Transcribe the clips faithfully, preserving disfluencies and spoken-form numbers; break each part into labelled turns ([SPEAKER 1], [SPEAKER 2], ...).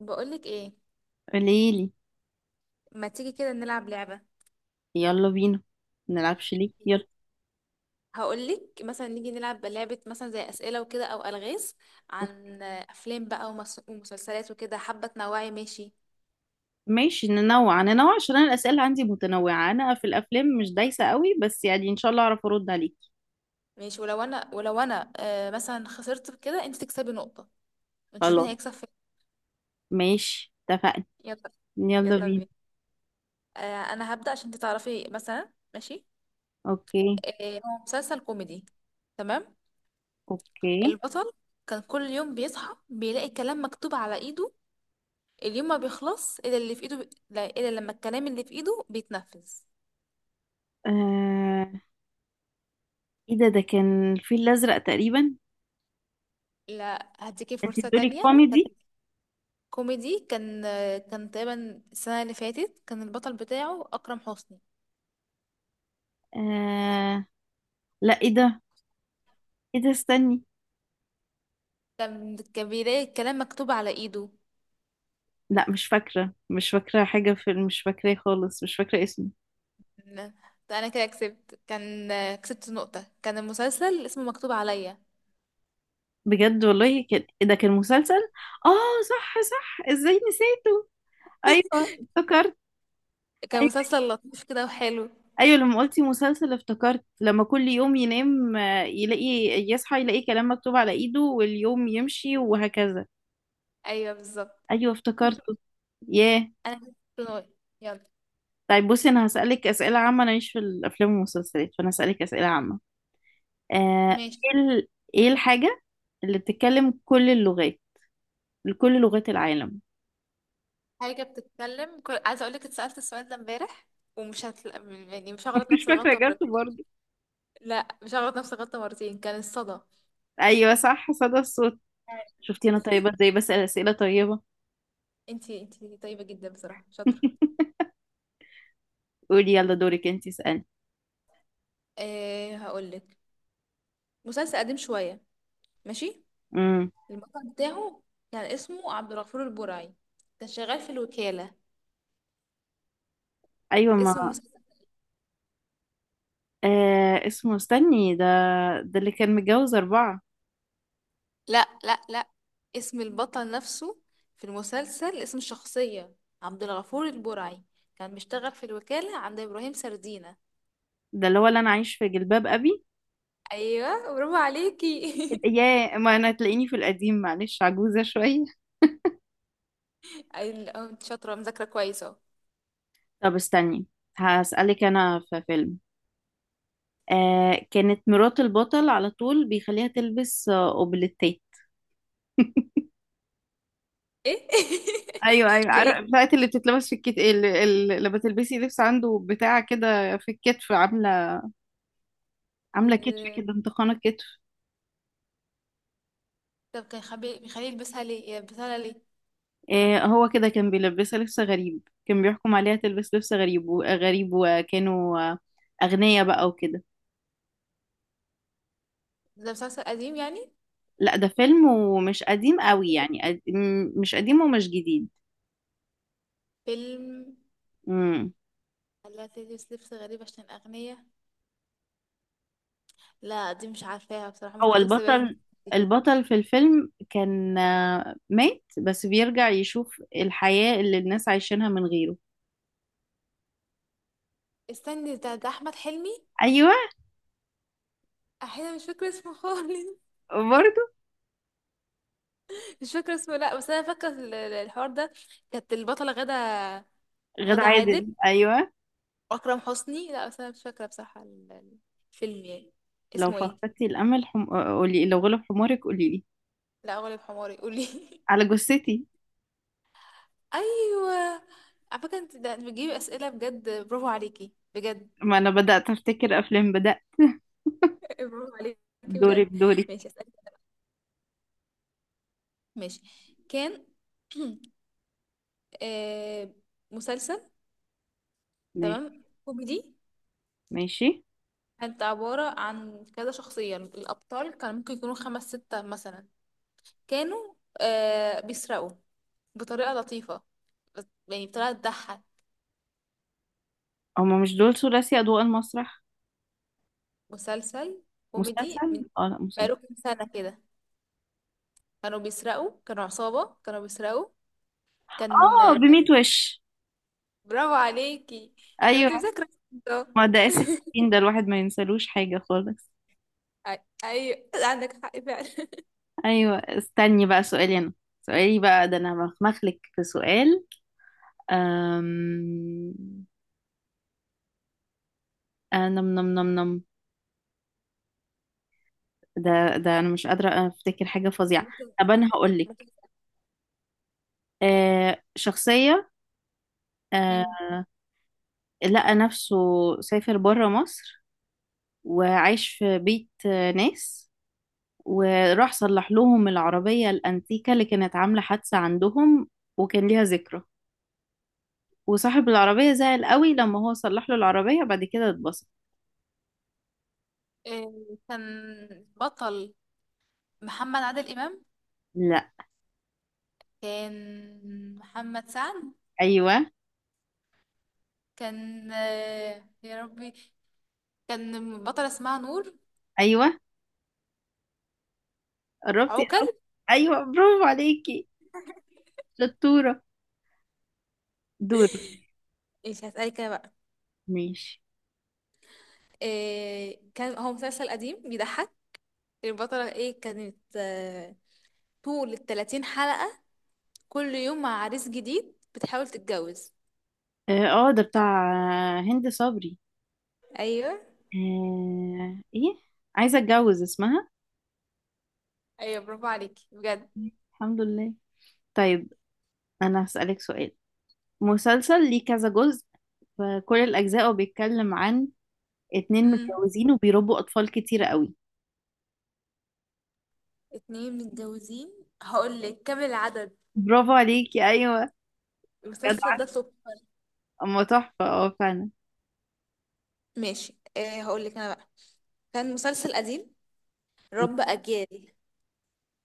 [SPEAKER 1] بقولك ايه؟
[SPEAKER 2] قوليلي.
[SPEAKER 1] ما تيجي كده نلعب لعبة؟
[SPEAKER 2] يلا بينا. منلعبش ليه؟ يلا.
[SPEAKER 1] هقولك مثلا نيجي نلعب لعبة مثلا زي أسئلة وكده أو ألغاز عن أفلام بقى ومس- ومسلسلات وكده. حابة تنوعي؟ ماشي.
[SPEAKER 2] ماشي، ننوع ننوع عشان انا الاسئله عندي متنوعه. انا في الافلام مش دايسه قوي، بس يعني ان شاء الله اعرف ارد عليك.
[SPEAKER 1] ماشي، ولو أنا ولو أنا آه مثلا خسرت في كده أنت تكسبي نقطة، ونشوف مين
[SPEAKER 2] خلاص،
[SPEAKER 1] هيكسب فين.
[SPEAKER 2] ماشي، اتفقنا.
[SPEAKER 1] يلا،
[SPEAKER 2] يلا
[SPEAKER 1] يلا
[SPEAKER 2] بينا.
[SPEAKER 1] بينا. آه. أنا هبدأ عشان أنت تعرفي، مثلا ماشي.
[SPEAKER 2] اوكي.
[SPEAKER 1] آه، هو مسلسل كوميدي، تمام.
[SPEAKER 2] اوكي.
[SPEAKER 1] البطل كان كل يوم بيصحى بيلاقي كلام مكتوب على إيده، اليوم ما بيخلص الا اللي في ايده بي... لا، الا لما الكلام اللي في ايده بيتنفذ.
[SPEAKER 2] آه... ايه ده؟ ده كان الفيل الازرق تقريبا.
[SPEAKER 1] لا، هديكي
[SPEAKER 2] انت
[SPEAKER 1] فرصة
[SPEAKER 2] بتقولي
[SPEAKER 1] تانية. كان
[SPEAKER 2] كوميدي؟
[SPEAKER 1] كوميدي كان كان تقريبا السنة اللي فاتت، كان البطل بتاعه أكرم حسني.
[SPEAKER 2] آه... لا، ايه ده؟ ايه ده؟ استني.
[SPEAKER 1] كان كان بيلاقي الكلام مكتوب على ايده.
[SPEAKER 2] لا، مش فاكره، مش فاكره حاجه، في مش فاكراه خالص، مش فاكره اسمه.
[SPEAKER 1] لا، ده انا كده كسبت. كان كسبت نقطة، كان المسلسل اسمه مكتوب عليا.
[SPEAKER 2] بجد والله، كان إيه ده؟ كان مسلسل. اه، صح، صح، ازاي نسيته؟ ايوه افتكرت.
[SPEAKER 1] كان
[SPEAKER 2] ايوه،
[SPEAKER 1] مسلسل لطيف كده وحلو.
[SPEAKER 2] أيوة، لما قلتي مسلسل افتكرت لما كل يوم ينام آه، يلاقي، يصحى يلاقي كلام مكتوب على ايده واليوم يمشي وهكذا.
[SPEAKER 1] ايوه بالظبط.
[SPEAKER 2] ايوه افتكرته. ياه.
[SPEAKER 1] انا كسبت نقطة. يلا.
[SPEAKER 2] طيب، بصي، انا هسألك اسئلة عامة. انا ماليش في الافلام والمسلسلات، فانا هسألك اسئلة عامة. آه.
[SPEAKER 1] ماشي.
[SPEAKER 2] ايه ال- ايه الحاجة اللي بتتكلم كل اللغات؟ كل لغات العالم؟
[SPEAKER 1] حاجة بتتكلم كل... عايزة اقولك، اتسألت السؤال ده امبارح ومش هتل... يعني مش هغلط
[SPEAKER 2] مش
[SPEAKER 1] نفس
[SPEAKER 2] فاكرة
[SPEAKER 1] الغلطة مرة.
[SPEAKER 2] جت برضه.
[SPEAKER 1] لا، مش هغلط نفس الغلطة مرتين، كان الصدى.
[SPEAKER 2] ايوه، صح، صدى الصوت. شفتي انا طيبة ازاي؟ بسأل اسئلة طيبة.
[SPEAKER 1] انتي انتي طيبة جدا بصراحة، شاطرة.
[SPEAKER 2] قولي يلا، دورك انتي، اسألي.
[SPEAKER 1] أه هقولك، مسلسل قديم شوية، ماشي.
[SPEAKER 2] امم.
[SPEAKER 1] البطل بتاعه كان اسمه عبد الغفور البرعي، كان شغال في الوكالة.
[SPEAKER 2] ايوه،
[SPEAKER 1] اسم
[SPEAKER 2] ما.
[SPEAKER 1] المسلسل.
[SPEAKER 2] آه، اسمه، استني، ده. ده اللي كان متجوز اربعة.
[SPEAKER 1] لا لا لا، اسم البطل نفسه في المسلسل، اسم الشخصية. عبد الغفور البرعي، كان بيشتغل في الوكالة عند إبراهيم سردينة.
[SPEAKER 2] ده اللي هو اللي انا عايش في جلباب ابي.
[SPEAKER 1] ايوه برافو عليكي.
[SPEAKER 2] يا ما انا تلاقيني في القديم، معلش، عجوزة شوية.
[SPEAKER 1] اي اه، انت شاطره، مذاكره كويس اهو.
[SPEAKER 2] طب استني، هسألك انا في فيلم. آه كانت مرات البطل على طول بيخليها تلبس آه، اوبليتيه.
[SPEAKER 1] ايه؟
[SPEAKER 2] ايوه، ايوه،
[SPEAKER 1] ده ايه ده؟
[SPEAKER 2] عارف بتاعت اللي بتتلبس في الكت، اللي, اللي لما تلبسي لبس عنده، بتاع كده في الكتف عامله. عامله كتف
[SPEAKER 1] آه.
[SPEAKER 2] كده، انتقانه كتف.
[SPEAKER 1] طب كان خبي... بيخليه يلبسها ليه، يلبسها ليه؟
[SPEAKER 2] آه، هو كده كان بيلبسها لبس غريب، كان بيحكم عليها تلبس لبس غريب وغريب، وكانوا آه، أغنياء بقى وكده.
[SPEAKER 1] ده مسلسل قديم يعني؟
[SPEAKER 2] لا، ده فيلم ومش قديم قوي، يعني قد- م- مش قديم ومش جديد.
[SPEAKER 1] فيلم.
[SPEAKER 2] مم.
[SPEAKER 1] خلاها تلبس لبس غريب عشان أغنية؟ لا، دي مش عارفاها بصراحة،
[SPEAKER 2] هو
[SPEAKER 1] ممكن تكسبها انت.
[SPEAKER 2] البطل. البطل في الفيلم كان آه، مات، بس بيرجع يشوف الحياة اللي الناس عايشينها من غيره.
[SPEAKER 1] استني، ده ده أحمد حلمي.
[SPEAKER 2] أيوة.
[SPEAKER 1] أحيانا مش فاكرة اسمه خالص.
[SPEAKER 2] برضو.
[SPEAKER 1] مش فاكرة اسمه، لا بس أنا فاكرة ال- ال- الحوار ده. كانت البطلة غدا
[SPEAKER 2] غادة
[SPEAKER 1] غدا عادل.
[SPEAKER 2] عادل، أيوة.
[SPEAKER 1] اكرم حسني؟ لا بس انا مش فاكره بصراحه ال- ال- الفيلم يعني.
[SPEAKER 2] لو
[SPEAKER 1] اسمه ايه؟
[SPEAKER 2] فقدتي الأمل حم... قولي، لو غلب حمارك قولي لي.
[SPEAKER 1] لا، غالب حماري قولي.
[SPEAKER 2] على جثتي.
[SPEAKER 1] ايوه. على فكره انت ده بتجيبي اسئله بجد، برافو عليكي بجد.
[SPEAKER 2] ما أنا بدأت أفتكر أفلام، بدأ.
[SPEAKER 1] برافو عليكي
[SPEAKER 2] دورك،
[SPEAKER 1] بجد.
[SPEAKER 2] دورك.
[SPEAKER 1] ماشي اسالك، ماشي. كان آه، مسلسل،
[SPEAKER 2] ماشي.
[SPEAKER 1] تمام، كوميدي.
[SPEAKER 2] ماشي.
[SPEAKER 1] كانت عباره عن كذا شخصيه، الابطال كان ممكن يكونوا خمس سته مثلا. كانوا آه، بيسرقوا بطريقه لطيفه، بس- يعني بطريقه تضحك.
[SPEAKER 2] هما مش دول ثلاثي أضواء المسرح؟
[SPEAKER 1] مسلسل كوميدي، من
[SPEAKER 2] مسلسل، اه، لا، مسلسل.
[SPEAKER 1] بقاله كام سنة كده، كانوا بيسرقوا، كانوا عصابة كانوا بيسرقوا كان.
[SPEAKER 2] اه، بميت وش.
[SPEAKER 1] برافو عليكي، لو
[SPEAKER 2] ايوه،
[SPEAKER 1] انت مذاكرة. اه.
[SPEAKER 2] ما ده اسم
[SPEAKER 1] أي-
[SPEAKER 2] الدين، ده الواحد ما ينسلوش حاجة خالص.
[SPEAKER 1] ايوه عندك حق فعلا.
[SPEAKER 2] ايوه، استني بقى سؤالي انا. سؤالي بقى ده، انا مخمخلك في سؤال. أم... آه نم نم نم نم ده ده انا مش قادرة افتكر حاجة فظيعة.
[SPEAKER 1] ممكن
[SPEAKER 2] طب انا هقول لك.
[SPEAKER 1] ممكن-
[SPEAKER 2] آه شخصية آه
[SPEAKER 1] مم.
[SPEAKER 2] لقى نفسه، سافر بره مصر، وعايش في بيت آه، ناس. وراح صلح لهم العربية الأنتيكة اللي كانت عاملة حادثة عندهم، وكان ليها ذكرى. وصاحب العربية زعل قوي لما هو صلح له العربية، بعد كده اتبسط.
[SPEAKER 1] إيه، كان بطل محمد عادل إمام؟
[SPEAKER 2] لا.
[SPEAKER 1] كان محمد سعد؟
[SPEAKER 2] أيوة،
[SPEAKER 1] كان آه، يا ربي، كان بطل اسمها نور؟
[SPEAKER 2] أيوة، قربتي أوي.
[SPEAKER 1] عوكل.
[SPEAKER 2] أيوة، برافو عليكي، شطورة. دور.
[SPEAKER 1] مش هسألك انا بقى.
[SPEAKER 2] ماشي.
[SPEAKER 1] إيه، كان هو مسلسل قديم بيضحك. البطلة ايه كانت آه، طول التلاتين حلقة كل يوم مع عريس جديد بتحاول تتجوز.
[SPEAKER 2] اه، آه، ده بتاع هند صبري.
[SPEAKER 1] ايوه،
[SPEAKER 2] آه، ايه، عايزة اتجوز اسمها.
[SPEAKER 1] ايوه برافو عليكي بجد.
[SPEAKER 2] الحمد لله. طيب، أنا هسألك سؤال. مسلسل ليه كذا جزء، فكل الأجزاء بيتكلم عن اتنين
[SPEAKER 1] امم.
[SPEAKER 2] متجوزين وبيربوا اطفال كتير قوي.
[SPEAKER 1] اتنين متجوزين؟ هقول لك كام العدد.
[SPEAKER 2] برافو عليكي، ايوه.
[SPEAKER 1] المسلسل ده
[SPEAKER 2] جدعة.
[SPEAKER 1] تحفة.
[SPEAKER 2] اما تحفة، اه، فعلا.
[SPEAKER 1] ماشي، آه هقول لك انا بقى. كان مسلسل قديم، رب اجيال،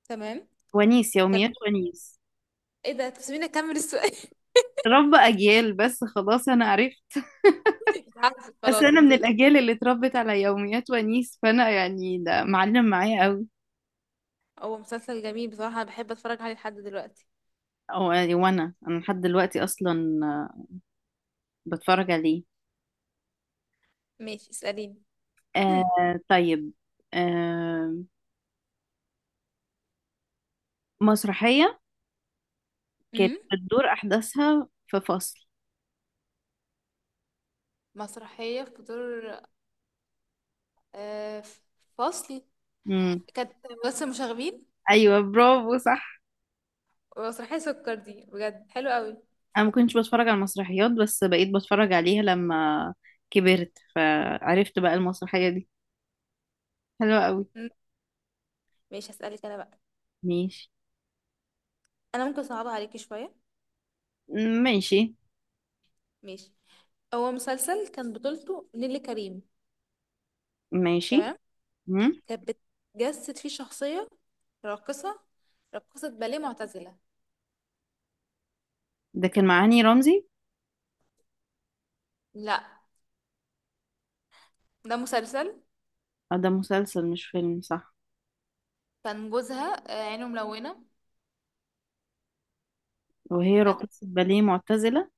[SPEAKER 1] تمام.
[SPEAKER 2] ونيس، يوميات
[SPEAKER 1] كان
[SPEAKER 2] ونيس.
[SPEAKER 1] ايه ده؟ تسيبيني اكمل السؤال.
[SPEAKER 2] رب اجيال بس خلاص انا عرفت.
[SPEAKER 1] مش عارفة،
[SPEAKER 2] بس
[SPEAKER 1] خلاص
[SPEAKER 2] انا
[SPEAKER 1] انت
[SPEAKER 2] من
[SPEAKER 1] بتقولي.
[SPEAKER 2] الاجيال اللي اتربت على يوميات ونيس، فانا يعني ده معلم معايا قوي.
[SPEAKER 1] هو مسلسل جميل بصراحة، انا بحب اتفرج عليه لحد دلوقتي.
[SPEAKER 2] أو يعني، وانا انا لحد دلوقتي اصلا آه، بتفرج عليه.
[SPEAKER 1] ماشي اسأليني. هم.
[SPEAKER 2] آه، طيب. آه مسرحية كانت
[SPEAKER 1] امم،
[SPEAKER 2] بتدور احداثها في فصل.
[SPEAKER 1] مسرحية في دور آه، في فصلي.
[SPEAKER 2] امم.
[SPEAKER 1] كانت بس مشاغبين.
[SPEAKER 2] ايوه، برافو، صح.
[SPEAKER 1] ومسرحية سكر دي بجد حلو قوي.
[SPEAKER 2] انا ما كنتش بتفرج على المسرحيات، بس بقيت بتفرج عليها لما كبرت، فعرفت بقى المسرحية دي حلوة قوي.
[SPEAKER 1] مم. ماشي هسألك انا بقى.
[SPEAKER 2] ماشي.
[SPEAKER 1] انا ممكن اصعبها عليكي شوية.
[SPEAKER 2] ماشي.
[SPEAKER 1] ماشي. هو مسلسل كان بطولته نيللي كريم،
[SPEAKER 2] ماشي.
[SPEAKER 1] تمام.
[SPEAKER 2] مم.
[SPEAKER 1] كانت بتجسد فيه شخصية راقصة، راقصة باليه معتزلة.
[SPEAKER 2] ده كان مع هاني رمزي.
[SPEAKER 1] لا، ده مسلسل.
[SPEAKER 2] آه، ده مسلسل مش فيلم، صح؟
[SPEAKER 1] كان جوزها آه، عينه ملونة.
[SPEAKER 2] وهي
[SPEAKER 1] كانت
[SPEAKER 2] راقصة باليه معتزلة.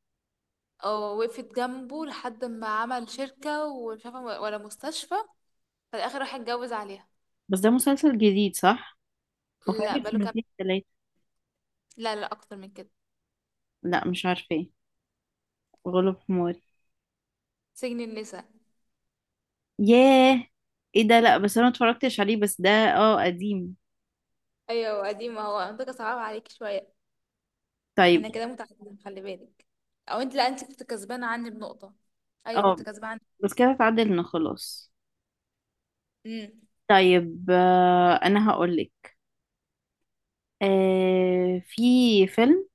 [SPEAKER 1] آه، وقفت جنبه لحد ما عمل شركة، ومش عارفة ولا مستشفى، في الآخر راح اتجوز عليها.
[SPEAKER 2] بس ده مسلسل جديد، صح؟
[SPEAKER 1] لا
[SPEAKER 2] وفاتك
[SPEAKER 1] بقاله.
[SPEAKER 2] سنتين تلاتة؟
[SPEAKER 1] لا لا، اكتر من كده.
[SPEAKER 2] لا، مش عارفة ايه. غلب حماري.
[SPEAKER 1] سجن النساء.
[SPEAKER 2] ياه. ايه ده؟ لا، بس انا متفرجتش عليه، بس ده اه قديم.
[SPEAKER 1] ايوه قديمه، هو منطقه صعبه عليك شويه.
[SPEAKER 2] طيب.
[SPEAKER 1] احنا كده متعادلين، خلي بالك. او انت، لا انت كنت كسبانه عني بنقطه. ايوه كنت
[SPEAKER 2] اه،
[SPEAKER 1] كسبانه عني.
[SPEAKER 2] بس كده اتعدلنا خلاص.
[SPEAKER 1] امم.
[SPEAKER 2] طيب، آه، انا هقولك. آه، في فيلم.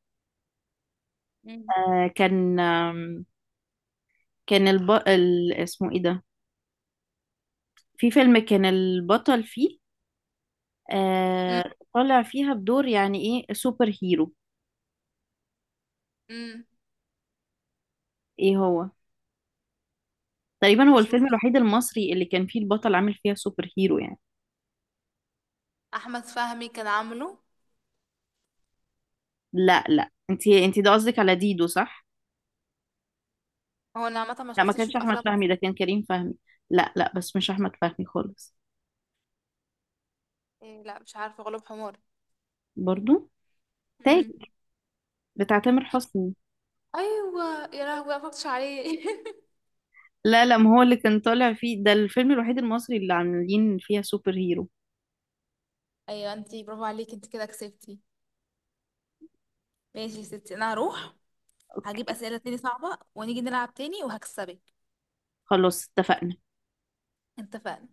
[SPEAKER 1] مم.
[SPEAKER 2] آه، كان آم، كان الب... ال... اسمه ايه ده. في فيلم كان البطل فيه
[SPEAKER 1] امم.
[SPEAKER 2] آه، طالع فيها بدور يعني. ايه، سوبر هيرو.
[SPEAKER 1] أمم.
[SPEAKER 2] ايه هو. تقريبا هو الفيلم
[SPEAKER 1] سوبر،
[SPEAKER 2] الوحيد المصري اللي كان فيه البطل عامل فيها سوبر هيرو يعني.
[SPEAKER 1] احمد فهمي كان عامله.
[SPEAKER 2] لا، لا، انتي انتي ده قصدك على ديدو، صح؟
[SPEAKER 1] هو انا عامه ما
[SPEAKER 2] لا ما
[SPEAKER 1] شفتش
[SPEAKER 2] كانش
[SPEAKER 1] في
[SPEAKER 2] احمد
[SPEAKER 1] افلام.
[SPEAKER 2] فهمي، ده كان كريم فهمي. لا، لا بس مش احمد فهمي خالص.
[SPEAKER 1] إيه لا مش عارفه، غلوب حمار.
[SPEAKER 2] برضو. تاج
[SPEAKER 1] امم.
[SPEAKER 2] بتاع تامر حسني.
[SPEAKER 1] ايوه يا لهوي، أنا ما فكرتش عليه.
[SPEAKER 2] لا، لا، ما هو اللي كان طالع فيه ده الفيلم الوحيد المصري اللي عاملين فيها سوبر هيرو.
[SPEAKER 1] ايوه، انت برافو عليكي، انت كده كسبتي. ماشي يا ستي، انا هروح هجيب
[SPEAKER 2] اوكي،
[SPEAKER 1] اسئله تاني صعبه، ونيجي نلعب تاني وهكسبك.
[SPEAKER 2] خلاص، اتفقنا.
[SPEAKER 1] اتفقنا.